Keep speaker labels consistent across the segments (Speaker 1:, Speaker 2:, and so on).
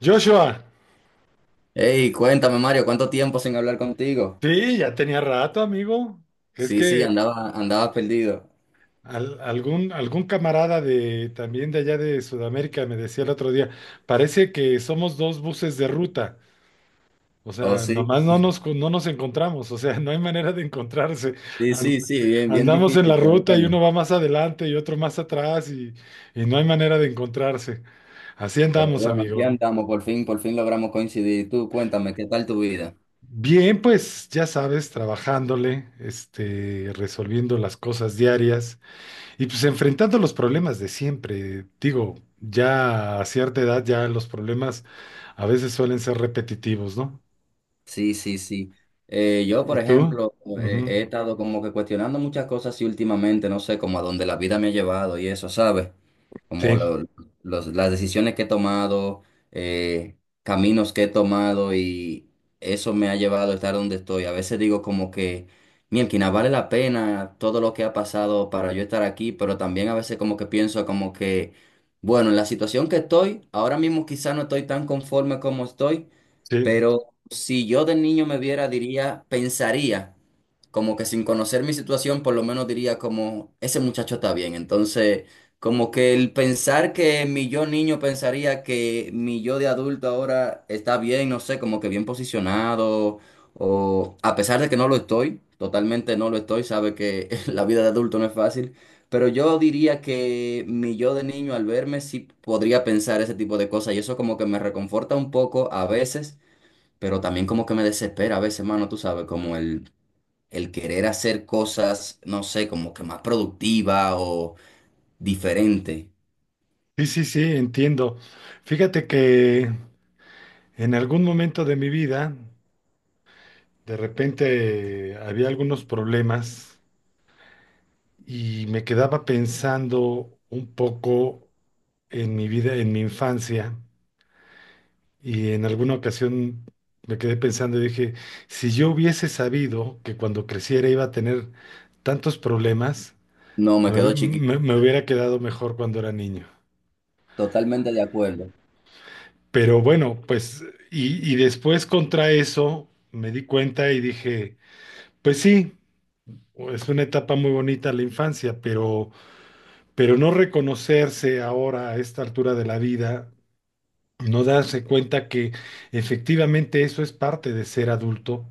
Speaker 1: Joshua,
Speaker 2: Hey, cuéntame, Mario, ¿cuánto tiempo sin hablar contigo?
Speaker 1: sí, ya tenía rato, amigo. Es
Speaker 2: Sí, sí,
Speaker 1: que
Speaker 2: andaba perdido.
Speaker 1: algún camarada de también de allá de Sudamérica me decía el otro día, parece que somos dos buses de ruta. O
Speaker 2: Oh,
Speaker 1: sea,
Speaker 2: sí,
Speaker 1: nomás no nos encontramos, o sea, no hay manera de encontrarse.
Speaker 2: sí,
Speaker 1: An-
Speaker 2: sí, sí, bien, bien
Speaker 1: Andamos en la
Speaker 2: difícil,
Speaker 1: ruta y uno va más adelante y otro más atrás, y no hay manera de encontrarse. Así
Speaker 2: pero
Speaker 1: andamos,
Speaker 2: bueno, aquí
Speaker 1: amigo.
Speaker 2: andamos, por fin logramos coincidir. Tú, cuéntame, ¿qué tal tu vida?
Speaker 1: Bien, pues ya sabes, trabajándole, resolviendo las cosas diarias. Y pues enfrentando los problemas de siempre, digo, ya a cierta edad ya los problemas a veces suelen ser repetitivos, ¿no?
Speaker 2: Sí, sí, sí. Yo,
Speaker 1: ¿Y
Speaker 2: por
Speaker 1: tú?
Speaker 2: ejemplo,
Speaker 1: Ujú.
Speaker 2: he estado como que cuestionando muchas cosas y últimamente, no sé, como a dónde la vida me ha llevado y eso, ¿sabes? Como
Speaker 1: Sí,
Speaker 2: lo- las decisiones que he tomado, eh, caminos que he tomado y eso me ha llevado a estar donde estoy. A veces digo como que, mielquina, vale la pena todo lo que ha pasado para yo estar aquí, pero también a veces como que pienso como que, bueno, en la situación que estoy, ahora mismo quizá no estoy tan conforme como estoy,
Speaker 1: sí,
Speaker 2: pero si yo de niño me viera, diría, pensaría, como que sin conocer mi situación, por lo menos diría como, ese muchacho está bien. Entonces, como que el pensar que mi yo niño pensaría que mi yo de adulto ahora está bien, no sé, como que bien posicionado, o a pesar de que no lo estoy, totalmente no lo estoy, sabe que la vida de adulto no es fácil. Pero yo diría que mi yo de niño al verme sí podría pensar ese tipo de cosas y eso como que me reconforta un poco a veces, pero también como que me desespera a veces, mano, tú sabes, como el querer hacer cosas, no sé, como que más productiva o diferente.
Speaker 1: sí, sí, sí, entiendo. Fíjate que en algún momento de mi vida, de repente había algunos problemas y me quedaba pensando un poco en mi vida, en mi infancia. Y en alguna ocasión me quedé pensando y dije, si yo hubiese sabido que cuando creciera iba a tener tantos problemas,
Speaker 2: No, me
Speaker 1: me,
Speaker 2: quedo
Speaker 1: hub-
Speaker 2: chiquito.
Speaker 1: me- me hubiera quedado mejor cuando era niño.
Speaker 2: Totalmente de acuerdo.
Speaker 1: Pero bueno, pues, y después contra eso me di cuenta y dije, pues sí, es una etapa muy bonita la infancia, pero no reconocerse ahora a esta altura de la vida, no darse cuenta que efectivamente eso es parte de ser adulto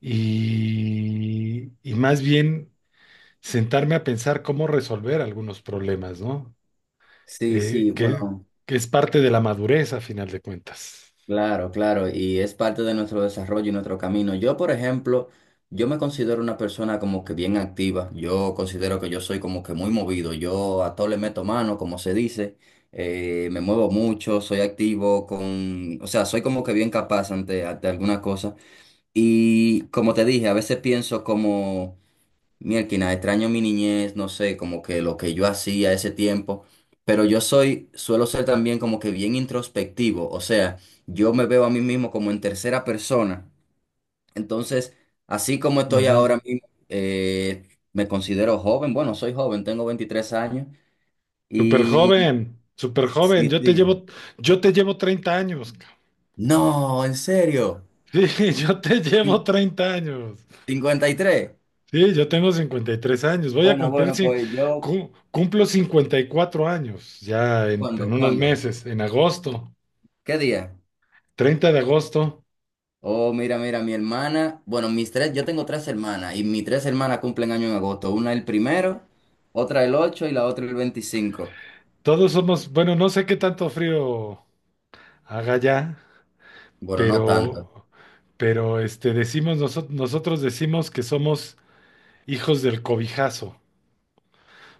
Speaker 1: y más bien sentarme a pensar cómo resolver algunos problemas, ¿no?
Speaker 2: Sí,
Speaker 1: Eh,
Speaker 2: sí,
Speaker 1: que,
Speaker 2: bueno,
Speaker 1: que es parte de la madurez a final de cuentas.
Speaker 2: claro, claro, y es parte de nuestro desarrollo y nuestro camino. Yo, por ejemplo, yo me considero una persona como que bien activa. Yo considero que yo soy como que muy movido. Yo a todo le meto mano, como se dice. Me muevo mucho, soy activo con, o sea, soy como que bien capaz ante alguna cosa. Y como te dije, a veces pienso como, mierda, extraño mi niñez, no sé, como que lo que yo hacía ese tiempo, pero suelo ser también como que bien introspectivo, o sea, yo me veo a mí mismo como en tercera persona, entonces, así como estoy
Speaker 1: Ujú.
Speaker 2: ahora mismo, me considero joven, bueno, soy joven, tengo 23 años y...
Speaker 1: Súper joven,
Speaker 2: Sí, sí.
Speaker 1: yo te llevo 30 años, cabrón.
Speaker 2: No, en serio,
Speaker 1: Sí, yo te llevo
Speaker 2: Cin-
Speaker 1: 30 años.
Speaker 2: cincuenta y tres.
Speaker 1: Sí, yo tengo 53 años. Voy a
Speaker 2: Bueno,
Speaker 1: cumplir,
Speaker 2: bueno,
Speaker 1: sí,
Speaker 2: pues yo,
Speaker 1: cumplo 54 años ya en
Speaker 2: ¿cuándo,
Speaker 1: unos
Speaker 2: cuándo?
Speaker 1: meses, en agosto,
Speaker 2: ¿Qué día?
Speaker 1: 30 de agosto.
Speaker 2: Oh, mira, mira, bueno, yo tengo tres hermanas y mis tres hermanas cumplen año en agosto, una el primero, otra el 8 y la otra el 25.
Speaker 1: Todos somos, bueno, no sé qué tanto frío haga ya,
Speaker 2: Bueno, no tanto.
Speaker 1: pero, pero decimos, nosotros decimos que somos hijos del cobijazo,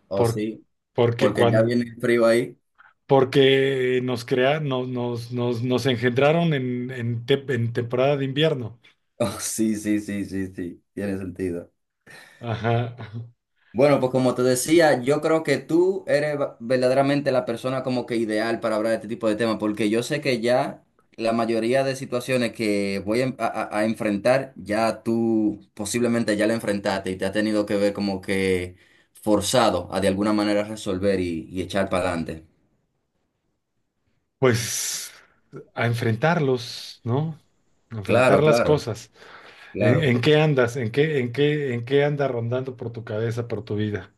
Speaker 2: Oh,
Speaker 1: por-
Speaker 2: sí,
Speaker 1: porque
Speaker 2: porque ya
Speaker 1: cuando,
Speaker 2: viene el frío ahí.
Speaker 1: porque nos crea, no- nos, nos, nos engendraron en temporada de invierno.
Speaker 2: Oh, sí, sí, sí, sí, sí, tiene sentido.
Speaker 1: Ajá.
Speaker 2: Bueno, pues como te decía, yo creo que tú eres verdaderamente la persona como que ideal para hablar de este tipo de temas, porque yo sé que ya la mayoría de situaciones que voy a, en- a- a enfrentar, ya tú posiblemente ya la enfrentaste y te ha tenido que ver como que forzado a de alguna manera resolver y echar para adelante.
Speaker 1: Pues a enfrentarlos, ¿no? A enfrentar
Speaker 2: Claro,
Speaker 1: las
Speaker 2: claro,
Speaker 1: cosas.
Speaker 2: claro.
Speaker 1: En qué andas? En qué anda rondando por tu cabeza, por tu vida?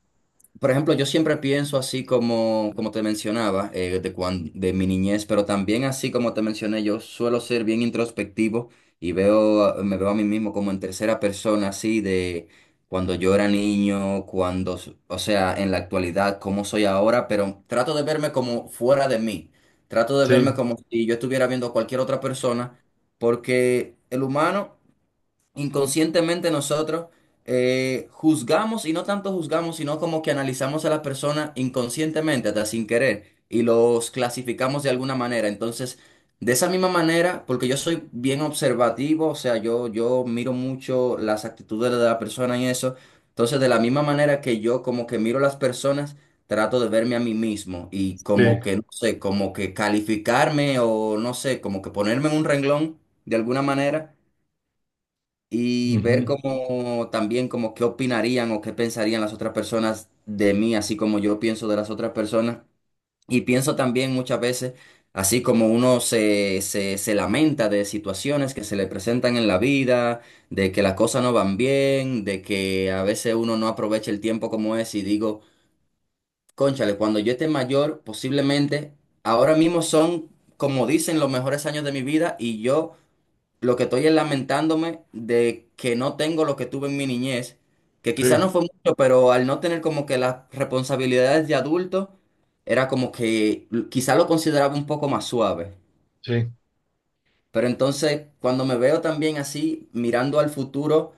Speaker 2: Por ejemplo, yo siempre pienso así como te mencionaba, de mi niñez, pero también así como te mencioné, yo suelo ser bien introspectivo y me veo a mí mismo como en tercera persona, así de cuando yo era niño, o sea, en la actualidad, cómo soy ahora, pero trato de verme como fuera de mí, trato de verme
Speaker 1: Sí.
Speaker 2: como si yo estuviera viendo a cualquier otra persona, porque el humano inconscientemente nosotros juzgamos y no tanto juzgamos, sino como que analizamos a las personas inconscientemente, hasta sin querer, y los clasificamos de alguna manera. Entonces, de esa misma manera, porque yo soy bien observativo, o sea, yo miro mucho las actitudes de la persona y eso. Entonces, de la misma manera que yo como que miro a las personas, trato de verme a mí mismo y como
Speaker 1: Sí,
Speaker 2: que, no sé, como que calificarme o no sé, como que ponerme en un renglón de alguna manera y ver
Speaker 1: ujú,
Speaker 2: cómo también como qué opinarían o qué pensarían las otras personas de mí, así como yo pienso de las otras personas. Y pienso también muchas veces, así como uno se lamenta de situaciones que se le presentan en la vida, de que las cosas no van bien, de que a veces uno no aprovecha el tiempo como es y digo, cónchale, cuando yo esté mayor, posiblemente ahora mismo son, como dicen, los mejores años de mi vida y yo... Lo que estoy es lamentándome de que no tengo lo que tuve en mi niñez, que quizá
Speaker 1: sí,
Speaker 2: no fue mucho, pero al no tener como que las responsabilidades de adulto, era como que quizá lo consideraba un poco más suave.
Speaker 1: sí,
Speaker 2: Pero entonces, cuando me veo también así, mirando al futuro,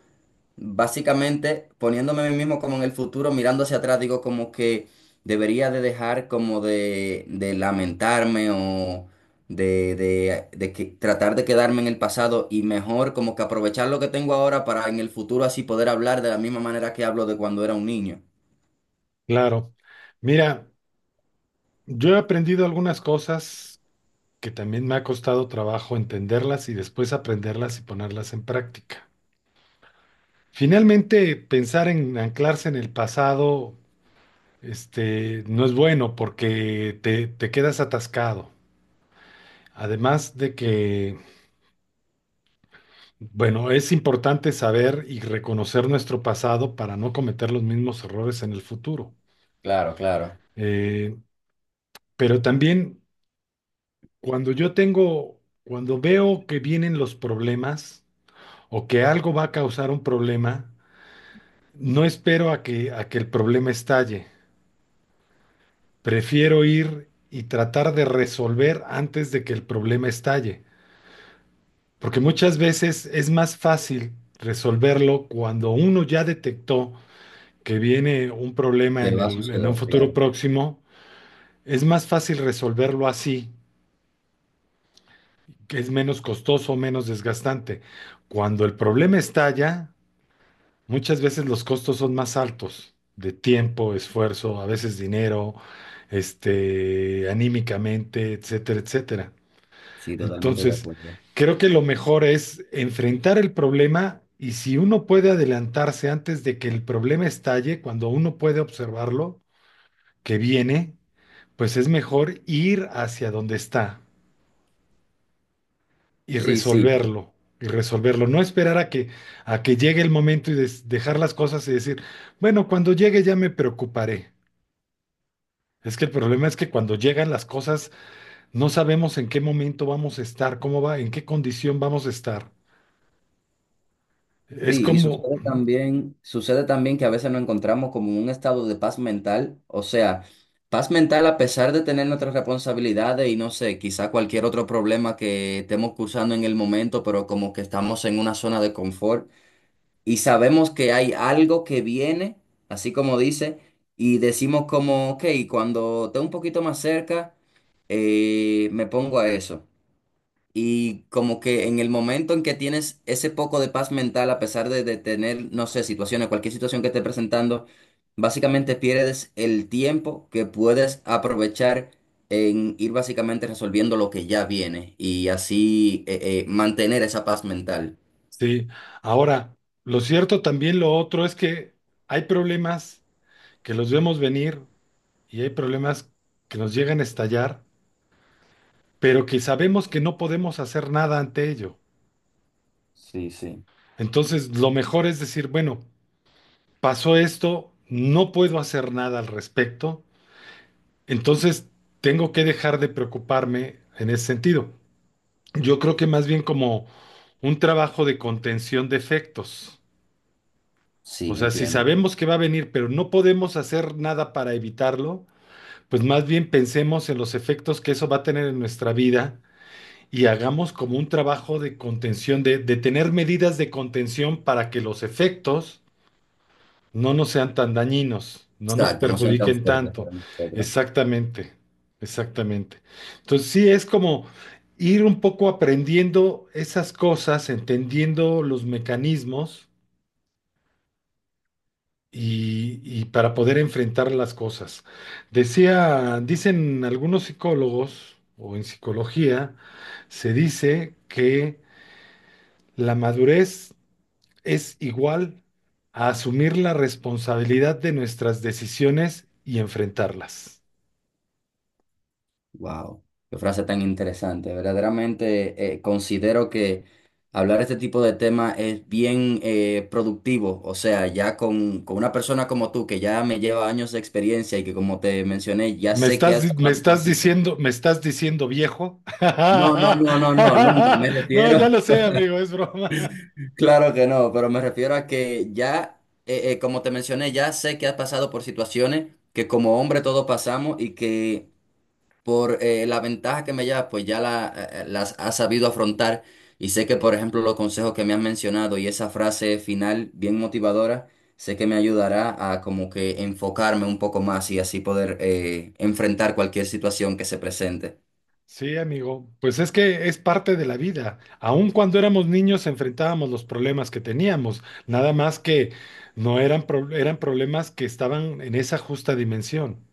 Speaker 2: básicamente, poniéndome a mí mismo como en el futuro, mirando hacia atrás, digo como que debería de dejar como de lamentarme o tratar de quedarme en el pasado y mejor como que aprovechar lo que tengo ahora para en el futuro así poder hablar de la misma manera que hablo de cuando era un niño.
Speaker 1: claro. Mira, yo he aprendido algunas cosas que también me ha costado trabajo entenderlas y después aprenderlas y ponerlas en práctica. Finalmente, pensar en anclarse en el pasado, no es bueno porque te quedas atascado. Además de que, bueno, es importante saber y reconocer nuestro pasado para no cometer los mismos errores en el futuro.
Speaker 2: Claro, claro.
Speaker 1: Eh, pero también, Cuando yo tengo, cuando veo que vienen los problemas o que algo va a causar un problema, no espero a que el problema estalle. Prefiero ir y tratar de resolver antes de que el problema estalle. Porque muchas veces es más fácil resolverlo cuando uno ya detectó que viene un problema
Speaker 2: Que va a
Speaker 1: en
Speaker 2: suceder,
Speaker 1: un futuro
Speaker 2: claro.
Speaker 1: próximo. Es más fácil resolverlo así, que es menos costoso, menos desgastante. Cuando el problema estalla, muchas veces los costos son más altos de tiempo, esfuerzo, a veces dinero, anímicamente, etcétera, etcétera.
Speaker 2: Sí, totalmente de
Speaker 1: Entonces,
Speaker 2: acuerdo.
Speaker 1: creo que lo mejor es enfrentar el problema, y si uno puede adelantarse antes de que el problema estalle, cuando uno puede observarlo, que viene, pues es mejor ir hacia donde está y
Speaker 2: Sí, sí.
Speaker 1: resolverlo, y resolverlo. No esperar a que llegue el momento y dejar las cosas y decir, bueno, cuando llegue ya me preocuparé. Es que el problema es que cuando llegan las cosas no sabemos en qué momento vamos a estar, cómo va, en qué condición vamos a estar. Es
Speaker 2: Sí, y
Speaker 1: como,
Speaker 2: sucede también que a veces nos encontramos como en un estado de paz mental, o sea, paz mental a pesar de tener nuestras responsabilidades y no sé, quizá cualquier otro problema que estemos cursando en el momento, pero como que estamos en una zona de confort y sabemos que hay algo que viene, así como dice, y decimos como, ok, cuando esté un poquito más cerca, me pongo a eso. Y como que en el momento en que tienes ese poco de paz mental, a pesar de tener, no sé, situaciones, cualquier situación que esté presentando, básicamente pierdes el tiempo que puedes aprovechar en ir básicamente resolviendo lo que ya viene y así mantener esa paz mental.
Speaker 1: sí. Ahora, lo cierto también lo otro es que hay problemas que los vemos venir y hay problemas que nos llegan a estallar, pero que sabemos que no podemos hacer nada ante ello.
Speaker 2: Sí, sí.
Speaker 1: Entonces, lo mejor es decir, bueno, pasó esto, no puedo hacer nada al respecto, entonces tengo que dejar de preocuparme en ese sentido. Yo creo que más bien como un trabajo de contención de efectos. O
Speaker 2: Sí,
Speaker 1: sea, si
Speaker 2: entiendo.
Speaker 1: sabemos que va a venir, pero no podemos hacer nada para evitarlo, pues más bien pensemos en los efectos que eso va a tener en nuestra vida, y hagamos como un trabajo de contención, de tener medidas de contención para que los efectos no nos sean tan dañinos, no nos
Speaker 2: Exacto, no sean tan
Speaker 1: perjudiquen
Speaker 2: fuertes
Speaker 1: tanto.
Speaker 2: para nosotros.
Speaker 1: Exactamente, exactamente. Entonces sí, es como ir un poco aprendiendo esas cosas, entendiendo los mecanismos, y para poder enfrentar las cosas. Dicen algunos psicólogos o en psicología, se dice que la madurez es igual a asumir la responsabilidad de nuestras decisiones y enfrentarlas.
Speaker 2: Wow, qué frase tan interesante. Verdaderamente considero que hablar este tipo de temas es bien productivo. O sea, ya con una persona como tú, que ya me lleva años de experiencia y que como te mencioné, ya sé que has pasado por situ-
Speaker 1: Me estás diciendo viejo?
Speaker 2: No, no, no, no, no, nunca. Me
Speaker 1: No, ya
Speaker 2: refiero,
Speaker 1: lo sé, amigo, es broma.
Speaker 2: claro que no, pero me refiero a que ya, como te mencioné, ya sé que has pasado por situaciones que como hombre todos pasamos y que por la ventaja que me lleva, pues ya las ha sabido afrontar y sé que, por ejemplo, los consejos que me han mencionado y esa frase final bien motivadora, sé que me ayudará a como que enfocarme un poco más y así poder enfrentar cualquier situación que se presente.
Speaker 1: Sí, amigo, pues es que es parte de la vida. Aun cuando éramos niños enfrentábamos los problemas que teníamos, nada más que no eran, pro- eran problemas que estaban en esa justa dimensión.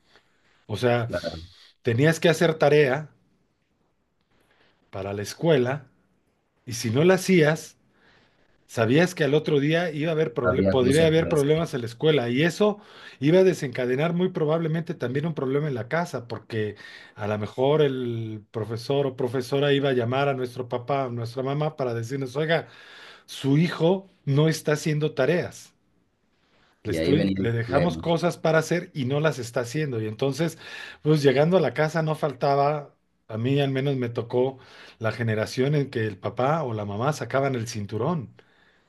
Speaker 1: O sea,
Speaker 2: Claro,
Speaker 1: tenías que hacer tarea para la escuela. Y si no la hacías, sabías que al otro día iba a haber proble-
Speaker 2: había
Speaker 1: podría haber
Speaker 2: consecuencias
Speaker 1: problemas en la escuela, y eso iba a desencadenar muy probablemente también un problema en la casa, porque a lo mejor el profesor o profesora iba a llamar a nuestro papá o nuestra mamá para decirnos, oiga, su hijo no está haciendo tareas.
Speaker 2: y ahí venía
Speaker 1: Le
Speaker 2: el
Speaker 1: dejamos
Speaker 2: problema.
Speaker 1: cosas para hacer y no las está haciendo. Y entonces, pues llegando a la casa no faltaba, a mí al menos me tocó la generación en que el papá o la mamá sacaban el cinturón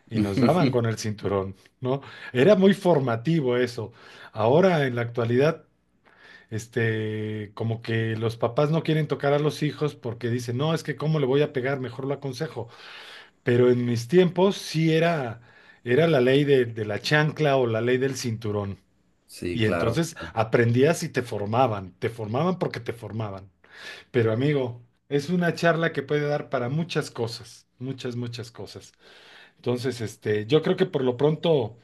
Speaker 1: y nos daban con el cinturón, ¿no? Era muy formativo eso. Ahora en la actualidad, como que los papás no quieren tocar a los hijos porque dicen, no, es que cómo le voy a pegar, mejor lo aconsejo. Pero en mis tiempos sí era, era la ley de la chancla o la ley del cinturón.
Speaker 2: Sí,
Speaker 1: Y
Speaker 2: claro.
Speaker 1: entonces aprendías y te formaban porque te formaban. Pero amigo, es una charla que puede dar para muchas cosas, muchas, muchas cosas. Entonces, yo creo que por lo pronto,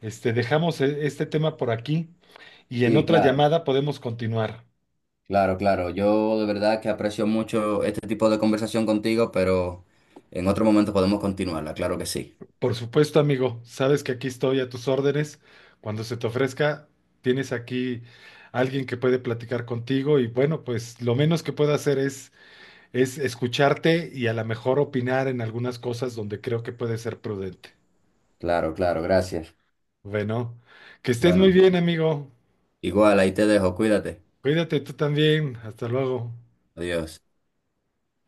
Speaker 1: dejamos este tema por aquí y en
Speaker 2: Sí,
Speaker 1: otra
Speaker 2: claro.
Speaker 1: llamada podemos continuar.
Speaker 2: Claro, claro. Yo de verdad que aprecio mucho este tipo de conversación contigo, pero en otro momento podemos continuarla, claro que sí.
Speaker 1: Por supuesto, amigo, sabes que aquí estoy a tus órdenes. Cuando se te ofrezca, tienes aquí alguien que puede platicar contigo, y bueno, pues lo menos que puedo hacer es escucharte y a lo mejor opinar en algunas cosas donde creo que puede ser prudente.
Speaker 2: Claro, claro, gracias.
Speaker 1: Bueno, que estés muy
Speaker 2: Bueno,
Speaker 1: bien, amigo.
Speaker 2: igual ahí te dejo, cuídate.
Speaker 1: Cuídate tú también. Hasta luego.
Speaker 2: Adiós.